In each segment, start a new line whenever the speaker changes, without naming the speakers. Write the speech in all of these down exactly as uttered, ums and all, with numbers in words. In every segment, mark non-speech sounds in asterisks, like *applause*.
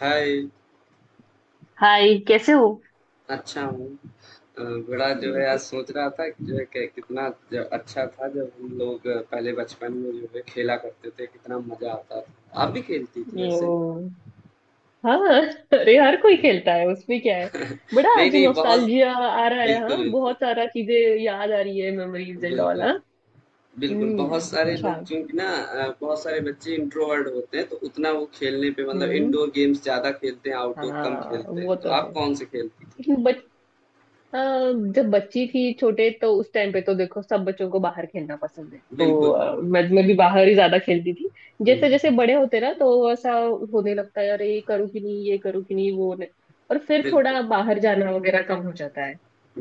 हाय,
hi, कैसे हो?
अच्छा हूँ। अ, बड़ा जो है आज सोच रहा था कि जो है कि कितना ज अच्छा था जब हम लोग अ, पहले बचपन में जो है खेला करते थे, कितना मज़ा आता था। आप भी खेलती थी ऐसे?
ओ, हाँ। *laughs* अरे, हर कोई
*laughs*
खेलता है, उसमें क्या है। बड़ा
नहीं,
आज
नहीं बहुत
नॉस्टैल्जिया आ रहा है,
बिल्कुल,
हाँ,
बिल्कुल।
बहुत सारा चीजें याद आ रही है, मेमोरीज एंड ऑल।
बिल्कुल,
हाँ।
बिल्कुल।
हम्म,
बहुत सारे लोग
अच्छा।
चूँकि ना अ, बहुत सारे बच्चे इंट्रोवर्ट होते हैं तो उतना वो खेलने पे मतलब
हम्म।
इनडोर गेम्स ज़्यादा खेलते हैं, आउटडोर कम
हाँ,
खेलते
वो
हैं। तो
तो
आप
है।
कौन से खेलती थी?
*laughs* अ, जब बच्ची थी छोटे, तो उस टाइम पे तो देखो, सब बच्चों को बाहर खेलना पसंद है, तो
बिल्कुल,
अ,
बिल्कुल।
मैं मैं भी बाहर ही ज्यादा खेलती थी। जैसे जैसे
हुँ,
बड़े होते ना, तो ऐसा होने लगता है, अरे ये करूँ कि नहीं, ये करूँ कि नहीं, वो नहीं। और फिर
बिल्कुल।
थोड़ा बाहर जाना वगैरह कम हो जाता है।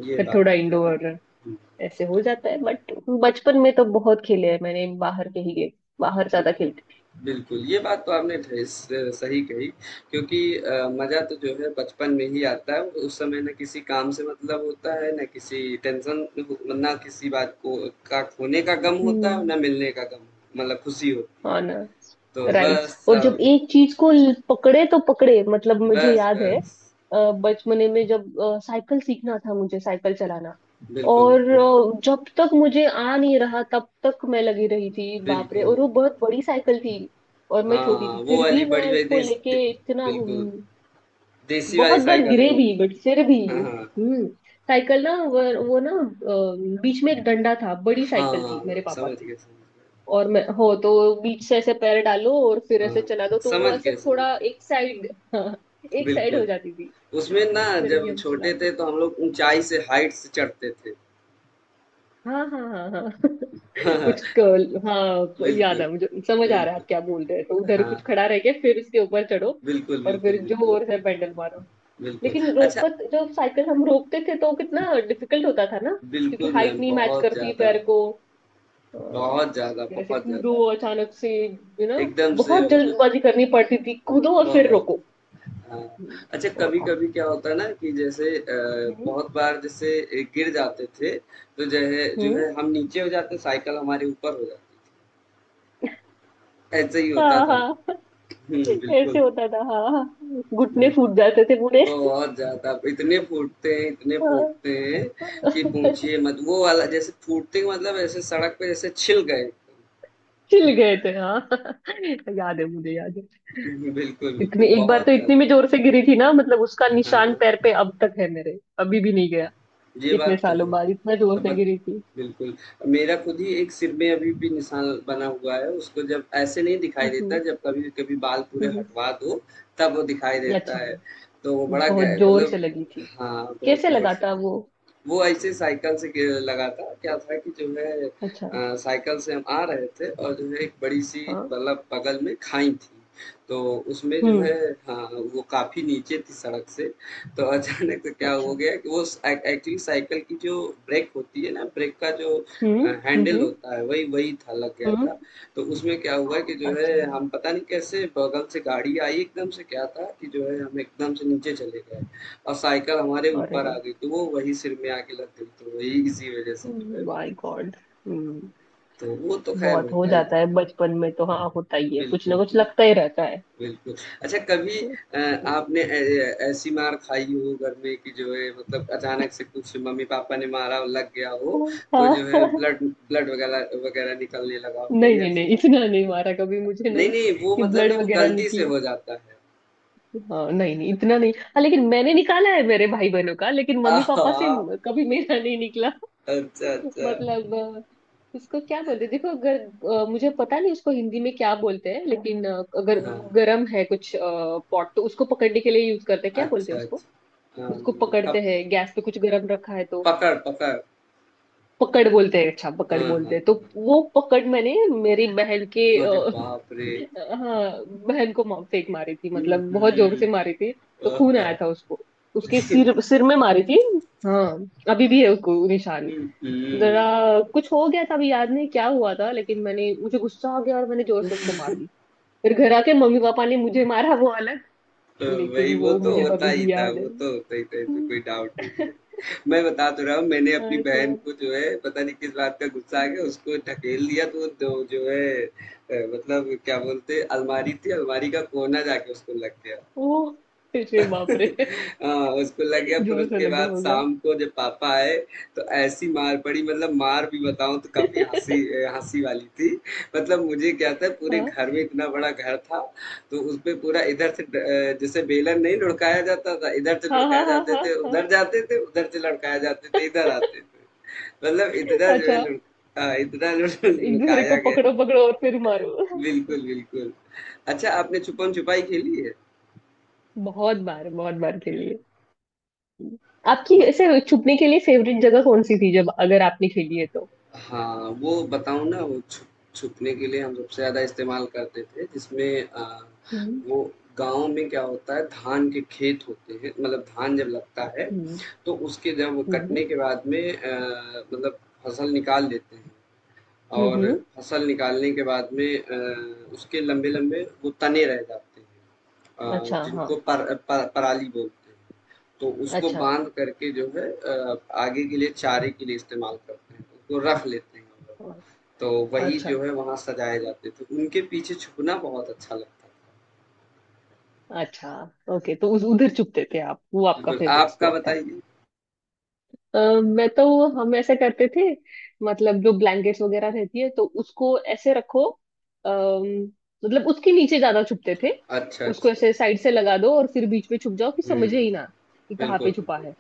ये
फिर
बात
थोड़ा
तो है।
इंडोर
हुँ।
ऐसे हो जाता है, बट बचपन में तो बहुत खेले हैं मैंने, बाहर के ही गेम, बाहर ज्यादा खेलती थी।
बिल्कुल, ये बात तो आपने ढे स सही कही क्योंकि अ, मज़ा तो जो है बचपन में ही आता है, उस समय ना किसी काम से मतलब होता है, ना किसी टेंशन हो ना किसी बात को का खोने का गम होता है और
हम्म।
ना मिलने का गम, मतलब खुशी होती है।
ऑनर्स।
तो
राइट।
बस
और जब
सब
एक चीज को ल- पकड़े तो पकड़े, मतलब मुझे
बस,
याद है,
बस।
अ, बचपने में जब अ, साइकिल सीखना था मुझे, साइकिल चलाना।
बिल्कुल,
और
बिल्कुल।
अ, जब तक मुझे आ नहीं रहा तब तक मैं लगी रही थी, बाप रे,
बिल्कुल।
और वो बहुत बड़ी साइकिल थी। और मैं छोटी
हाँ,
थी,
वो
फिर भी
वाली बड़ी
मैं
वाली
उसको
देस दे
लेके इतना
बिल्कुल,
घूमी।
देसी
बहुत
वाली
बार
साइकिल
गिरे
रही
भी,
होगी।
बट फिर भी।
हाँ, हाँ।
हम्म। साइकिल ना, वो, वो ना, अ, बीच में एक डंडा था, बड़ी साइकिल थी मेरे
हाँ,
पापा
समझ
की।
गए, समझ गए।
और मैं हो तो बीच से ऐसे पैर डालो और फिर ऐसे
हाँ,
चला दो, तो वो
समझ
ऐसे
गए, समझ
थोड़ा
गए।
एक साइड, हाँ, एक साइड
बिल्कुल,
हो जाती थी।
उसमें ना
बट फिर भी
जब
हम
छोटे
चलाते थे।
थे तो हम लोग ऊँचाई से हाइट से चढ़ते थे।
हाँ, हाँ, हाँ, हाँ। *laughs* कुछ
*laughs*
कर्ल, हाँ, तो याद
बिल्कुल,
है मुझे, समझ आ रहा है
बिल्कुल।
आप क्या बोल रहे हैं, तो उधर
हाँ,
कुछ खड़ा रह के फिर उसके ऊपर चढ़ो
बिल्कुल,
और
बिल्कुल,
फिर
बिल्कुल,
जोर से पैडल मारो।
बिल्कुल।
लेकिन
अच्छा
रोकत जब साइकिल हम रोकते थे, तो कितना डिफिकल्ट होता था ना। क्योंकि
बिल्कुल
हाइट
मैम,
नहीं मैच
बहुत
करती
ज़्यादा,
पैर को। हाँ,
बहुत ज़्यादा,
जैसे
बहुत
कूदो
ज़्यादा।
अचानक से, यू नो
एकदम से
बहुत
वो जो
जल्दबाजी करनी पड़ती थी, कूदो और फिर
बहुत,
रोको।
हाँ।
हम्म।
अच्छा
वो था।
कभी-कभी क्या होता है ना कि जैसे अ,
हम्म,
बहुत बार जैसे ए, गिर जाते थे, तो जो है जो
हम्म।
है हम नीचे हो जाते, साइकिल हमारे ऊपर हो जाती थी। ऐसे ही होता
हाँ,
था।
हाँ। *laughs*
*laughs* हुँ,
ऐसे
बिल्कुल,
होता था, हाँ, हाँ। घुटने
बिल्कुल।
फूट जाते थे पूरे।
बहुत ज़्यादा, इतने फूटते हैं, इतने
हाँ।
फूटते हैं कि
*laughs*
पूछिए मत। वो वाला जैसे फूटते का मतलब ऐसे सड़क पे जैसे छिल गए। *laughs*
छिल गए थे, हाँ, *laughs* याद है मुझे, याद है।
बिल्कुल,
इतनी
बिल्कुल,
एक बार
बहुत
तो इतनी
ज़्यादा।
में जोर से गिरी थी ना, मतलब उसका
हाँ,
निशान
हाँ,
पैर पे अब तक है मेरे, अभी भी नहीं गया।
ये
इतने
बात तो है।
सालों बाद इतना जोर
अब
से
बत
गिरी थी।
बिल्कुल, मेरा खुद ही एक सिर में अभी भी निशान बना हुआ है, उसको जब ऐसे नहीं दिखाई देता,
हम्म,
जब कभी-कभी बाल पूरे
हम्म,
हटवा दो, तब वो दिखाई
हम्म।
देता
अच्छा,
है। तो वो बड़ा
बहुत
गह
जोर से
मतलब
लगी।
हाँ, बहुत
कैसे
जोर से
लगाता है वो?
वो ऐसे साइकिल से ग लगा था। क्या था कि जो है
अच्छा।
अ, साइकिल से हम आ रहे थे और जो है एक बड़ी-सी
हाँ।
मतलब बगल में खाई थी। तो उसमें जो
हम्म।
है हाँ, वो काफ़ी नीचे थी सड़क से, तो अचानक से क्या
अच्छा।
हो गया कि वो स ए एक्चुअली साइकिल की जो ब्रेक होती है ना, ब्रेक का जो
हम्म,
अ,
हम्म,
हैंडल
हम्म,
होता है, वही वही था, लग गया
हम्म।
था। तो उसमें क्या हुआ कि जो है
अच्छा।
हम पता नहीं कैसे बगल से गाड़ी आई एकदम से क्या था कि जो है हम एकदम से नीचे चले गए। और साइकिल हमारे
अरे,
ऊपर आ गई तो वो वही सिर में आके लग गई तो वही इसी वजह से जो है
माय गॉड। हम्म।
तो वो तो खैर
बहुत हो
होता ही
जाता है
था।
बचपन में तो, हाँ, होता ही है, कुछ ना
बिल्कुल।
कुछ लगता ही रहता है।
बिल्कुल। अच्छा कभी अ, आपने ऐ- ऐसी मार खाई हो घर में कि जो है मतलब अचानक से कुछ मम्मी पापा ने मारा और लग गया हो तो जो
हाँ।
है ब्लड ब्लड वगैरह वगैरह निकलने लगा हो
नहीं,
कभी
नहीं,
ऐसा।
नहीं, इतना नहीं मारा कभी मुझे,
नहीं
नहीं,
नहीं वो
कि
मतलब
ब्लड
नहीं वो
वगैरह
गलती से
निकले।
हो जाता है।
हाँ, नहीं, नहीं, इतना नहीं, हाँ, लेकिन मैंने निकाला है मेरे भाई बहनों का, लेकिन मम्मी
आहा।
पापा से कभी मेरा नहीं निकला।
अच्छा अच्छा।
मतलब, अ, इसको क्या बोलते हैं? देखो, अगर अ, मुझे पता नहीं उसको हिंदी में क्या बोलते हैं, लेकिन अ, अगर
हाँ।
गरम है कुछ पॉट, तो उसको पकड़ने के लिए यूज करते हैं, क्या बोलते हैं
अच्छा
उसको?
अच्छा। हाँ,
उसको पकड़ते हैं
कप-
गैस पे कुछ गरम रखा है तो।
पकड़ पकड़।
पकड़ बोलते हैं? अच्छा, पकड़
हाँ,
बोलते
हाँ,
हैं। तो वो पकड़ मैंने मेरी बहन के
हाँ।
अ,
अरे बाप रे!
*laughs* अ, हाँ, बहन को मा- फेंक मारी थी,
हुँ,
मतलब बहुत जोर
हुँ।
से मारी थी। तो खून आया
आहा!
था उसको, उसके सिर सिर में मारी थी। हाँ, अभी भी है उसको निशान।
हुँ,
जरा
हुँ।
कुछ हो गया था, अभी याद नहीं क्या हुआ था, लेकिन मैंने मुझे गुस्सा आ गया और मैंने जोर से उसको मार दी। फिर घर आके मम्मी पापा ने मुझे मारा वो अलग, लेकिन
वही वो
वो
तो
मुझे
होता
अभी
ही
भी
था,
याद है।
वो तो होता ही था, इसमें कोई
*laughs*
डाउट नहीं है। मैं बता तो रहा हूँ मैंने
हाँ,
अपनी
ऐसी
बहन
बात।
को जो है पता नहीं किस बात का गुस्सा आ गया उसको ढकेल दिया तो वो दो जो है अ, मतलब क्या बोलते हैं अलमारी थी, अलमारी का कोना जाके उसको लग गया।
ओ, अरे बाप रे,
*laughs* हाँ, उसको लग गया फिर
जोर से
उसके
लगा
बाद
होगा।
शाम को जब पापा आए तो ऐसी मार पड़ी मतलब मार भी बताऊं तो काफी हंसी
*laughs*
हंसी वाली थी। मतलब मुझे क्या था पूरे
हाँ,
घर में इतना बड़ा घर था तो उस पे पूरा इधर से ड- जैसे बेलन नहीं लुढ़काया जाता था इधर से
हाँ, हाँ,
लुढ़काए
हाँ,
जाते
हाँ,
थे उधर
हाँ।
जाते थे उधर से लुढ़काए जाते थे इधर आते थे मतलब इतना जो है
अच्छा,
लुढ़ हाँ, इतना लुढ़-
एक दूसरे
लुढ़काया
को
गया।
पकड़ो पकड़ो और फिर मारो।
बिल्कुल बिल्कुल। अच्छा आपने छुपन छुपाई खेली है।
बहुत बार बहुत बार खेली है। आपकी ऐसे छुपने के लिए फेवरेट जगह कौन सी थी, जब अगर आपने खेली है तो?
हाँ, वो बताऊँ ना वो छुप छुपने के लिए हम सबसे ज़्यादा इस्तेमाल करते थे जिसमें अ,
हम्म,
वो गाँव में क्या होता है धान के खेत होते हैं मतलब धान जब लगता है,
हम्म,
तो उसके जब वो
हम्म,
कटने के बाद में अ, मतलब फसल निकाल लेते हैं। और
हम्म।
फसल निकालने के बाद में अ, उसके लंबे-लंबे वो तने रह जाते हैं अ,
अच्छा। हाँ।
जिनको पर, पर पराली बोलते हैं। तो उसको
अच्छा।
बांध करके जो है अ, आगे के लिए चारे के लिए इस्तेमाल करते हैं उसको रख लेते हैं हम लोग।
हाँ,
तो वही
अच्छा,
जो है वहाँ सजाए जाते थे उनके पीछे छुपना बहुत अच्छा लगता था।
अच्छा। ओके, तो उस उधर चुपते थे आप, वो आपका
बिल्कुल
फेवरेट
आपका
स्पॉट था।
बताइए।
अ, मैं तो, हम ऐसे करते थे, मतलब जो ब्लैंकेट्स वगैरह रहती है, तो उसको ऐसे रखो, अम, मतलब उसके नीचे ज्यादा छुपते थे।
अच्छा
उसको
अच्छा।
ऐसे साइड से लगा दो और फिर बीच में छुप जाओ, कि
हम्म
समझे ही ना कि कहाँ
बिल्कुल
पे छुपा
बिल्कुल
है।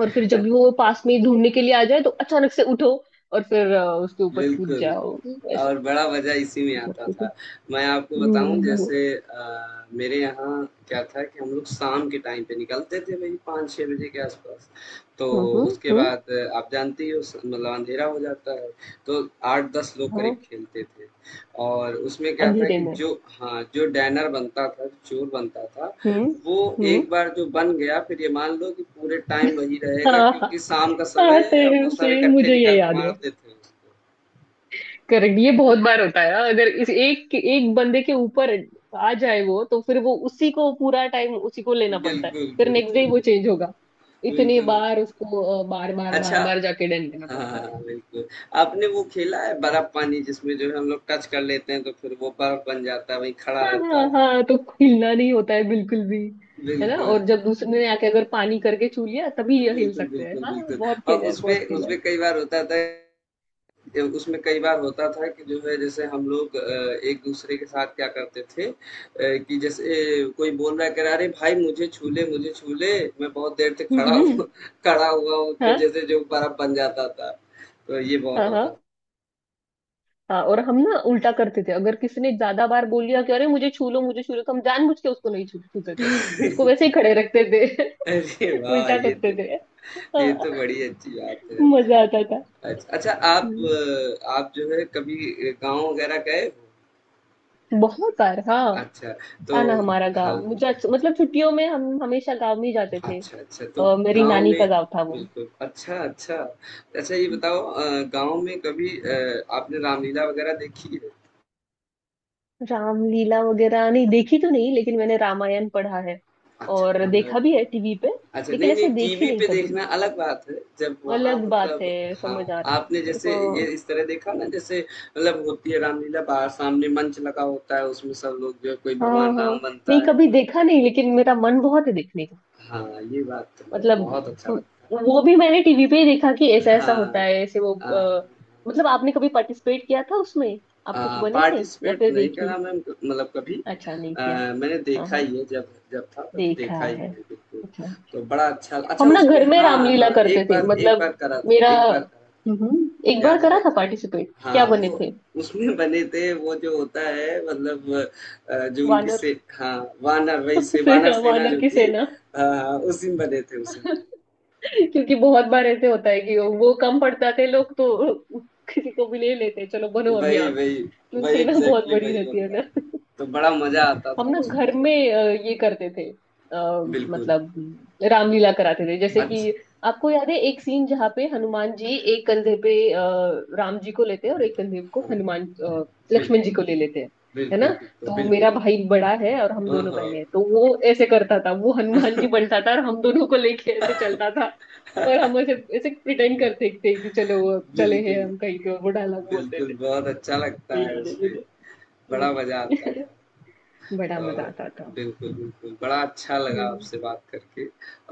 और फिर जब वो पास में ढूंढने के लिए आ जाए, तो अचानक से उठो और फिर अ, उसके ऊपर कूद
बिल्कुल,
जाओ, ऐसे
और बड़ा मज़ा इसी में आता
करते थे।
था। मैं आपको बताऊँ
हम्म, हम्म,
जैसे अ, मेरे यहाँ क्या था कि हम लोग शाम के टाइम पे निकलते थे वही पाँच छह बजे के आस-पास। तो
हम्म,
उसके
हम्म।
बाद अ, आप जानती हो स मतलब अँधेरा हो जाता है, तो आठ दस लोग करीब
हाँ।
खेलते थे और उसमें क्या था
अंधेरे
कि
में।
जो हाँ, जो डैनर बनता था, जो चोर बनता था,
हम्म,
वो
हम्म।
एक बार जो बन गया फिर ये मान लो कि पूरे टाइम वही रहेगा
हाँ, हाँ,
क्योंकि शाम का
हाँ,
समय वो
सेम
सब
सेम,
इकट्ठे
मुझे ये
निकल के
याद है।
मारते थे उसको।
करेक्ट, ये बहुत बार होता है, अगर इस एक एक बंदे के ऊपर आ जाए वो, तो फिर वो उसी को पूरा टाइम, उसी को लेना पड़ता है,
बिल्कुल,
फिर नेक्स्ट डे
बिल्कुल,
वो चेंज होगा। इतने
बिल्कुल।
बार उसको बार बार
अच्छा
बार बार जाके डंड लेना पड़ता है।
हाँ, बिल्कुल। आपने वो खेला है बर्फ पानी जिसमें जो है हम लोग टच कर लेते हैं तो फिर वो बर्फ बन जाता है, वहीं खड़ा
हाँ,
रहता
हाँ,
है।
हाँ तो, हिलना नहीं होता है बिल्कुल भी, है ना?
बिल्कुल।
और जब दूसरे ने आके अगर पानी करके छू लिया, तभी ये हिल
बिल्कुल,
सकते हैं।
बिल्कुल,
हाँ,
बिल्कुल
बहुत
और
खेला है,
उसपे
बहुत खेला है।
उसपे कई बार होता था अ, उसमें कई बार होता था कि जो है जैसे हम लोग अ, एक दूसरे के साथ क्या करते थे अ, कि जैसे कोई बोल रहा है कह रहा है, "अरे भाई मुझे छू ले, मुझे छू ले, मैं बहुत देर से
हम्म,
खड़ा हूँ
हम्म,
*laughs* खड़ा हुआ हूँ।" उसमें
हाँ,
जैसे जो बर्फ बन जाता था। तो ये बहुत
हाँ, हाँ,
होता
हाँ। और हम ना उल्टा करते थे, अगर किसी ने ज्यादा बार बोल लिया कि अरे मुझे छू लो, मुझे छू लो, तो हम जानबूझ के उसको नहीं छू छूते थे, उसको वैसे ही खड़े रखते थे।
अरे
*laughs*
वाह
उल्टा
ये
करते
तो
थे।
ये
हाँ,
तो बड़ी अच्छी बात है।
मजा आता था।
अच्छा अच्छा आप
हम्म,
अ, आप जो है कभी गांव वगैरह गए हो।
बहुत बार, हाँ,
अच्छा। तो
था ना हमारा गांव,
हाँ
मुझे अच्छा- मतलब छुट्टियों में हम हमेशा गांव में ही जाते थे।
अच्छा अच्छा तो
अ, मेरी
गांव
नानी
में
का गांव था वो।
बिल्कुल अच्छा अच्छा। अच्छा ये बताओ अ, गांव में कभी अ, आपने रामलीला वगैरह देखी है।
रामलीला वगैरह नहीं देखी तो नहीं, लेकिन मैंने रामायण पढ़ा है
अच्छा
और
रामलीला
देखा भी
तो
है टीवी पे,
अच्छा,
लेकिन
नहीं-नहीं
ऐसे देखी
टीवी
नहीं
पे
कभी।
देखना अलग बात है, जब वहाँ
अलग बात
मतलब
है, समझ
हाँ,
आ रहा
आपने
है,
जैसे ये
हाँ।
इस तरह देखा ना जैसे मतलब होती है रामलीला बाहर सामने मंच लगा होता है, उसमें सब लोग जो है कोई
हाँ,
भगवान
हाँ,
राम
नहीं
बनता है,
कभी
कोई
देखा नहीं, लेकिन मेरा मन बहुत है देखने का।
हाँ, ये बात तो है,
मतलब
बहुत अच्छा लगता
वो भी मैंने टीवी पे ही देखा, कि
है।
ऐसा ऐसा होता
हाँ।
है ऐसे वो,
अ,
अ, मतलब आपने कभी पार्टिसिपेट किया था उसमें?
अ,
आप कुछ बने थे? या
पार्टिसिपेट तो
फिर
नहीं करा
देखिए?
मैम मतलब कभी
अच्छा, नहीं
अ,
किया।
मैंने
हाँ,
देखा
हाँ,
ही है जब जब था तब
देखा
देखा ही
है।
है बिल्कुल,
अच्छा,
तो बड़ा अच्छा अच्छा
हम ना
उसमें
घर में
हाँ,
रामलीला
हाँ,
करते
एक
थे,
बार एक
मतलब
बार करा था,
मेरा।
एक बार करा था,
हम्म, एक बार
याद
करा
आया
था पार्टिसिपेट? क्या
हाँ,
बने
वो
थे?
उसमें बने थे वो जो होता है मतलब अ, जो उनकी
वानर?
से हाँ, वानर वही से
*laughs*
वानर
सेना,
सेना
वानर
जो
की
थी
सेना।
अ, उसी में बने थे उसमें
क्योंकि बहुत बार ऐसे होता है कि वो कम पड़ जाते हैं लोग, तो किसी को भी ले लेते हैं, चलो बनो अभी
वही
आप,
वही
क्योंकि
वही
सेना बहुत
एग्जैक्टली exactly
बड़ी
वही
रहती है।
होता है। तो बड़ा मजा आता था
हम ना
उसमें
घर
जो
में अ, ये करते थे, आ,
बिल्कुल
मतलब रामलीला कराते थे, जैसे
अच्छा
कि आपको याद है एक सीन जहाँ पे हनुमान जी एक कंधे पे अ, राम जी को लेते हैं और एक कंधे को
हाँ
हनुमान अ, लक्ष्मण जी
बिल्कुल
को ले लेते हैं, है ना?
बिल्कुल बिल्कुल
तो
बिल्कुल
मेरा
बिल्कुल
भाई बड़ा है और हम
हाँ
दोनों बहने
हाँ,
हैं, तो वो ऐसे करता था, वो हनुमान जी बनता था, और हम दोनों को लेके ऐसे चलता था। और हम ऐसे ऐसे प्रिटेंड करते थे कि चलो वो चले हैं
बिल्कुल
हम कहीं पे, और वो डायलॉग बोलते
बिल्कुल
थे,
बहुत अच्छा लगता
तो
है
याद है
उसमें
मुझे।
बड़ा मजा आता
हम्म।
था।
*laughs* बड़ा मजा
और
आता
बिल्कुल, बिल्कुल। बड़ा अच्छा
था।
लगा आपसे बात करके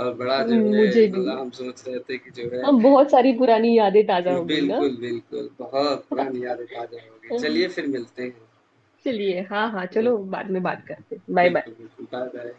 और बड़ा
हम्म,
जो है
मुझे भी।
मतलब हम सोच रहे थे कि जो है
हम बहुत सारी पुरानी यादें ताजा
हुँ,
हो गई ना।
बिल्कुल, बिल्कुल। बहुत पुरानी यादें ताज़ा हो गई।
हम्म,
चलिए फिर मिलते हैं।
चलिए, हाँ, हाँ,
अ,
चलो बाद में बात करते, बाय बाय।
बिल्कुल, बिल्कुल। बाय-बाय।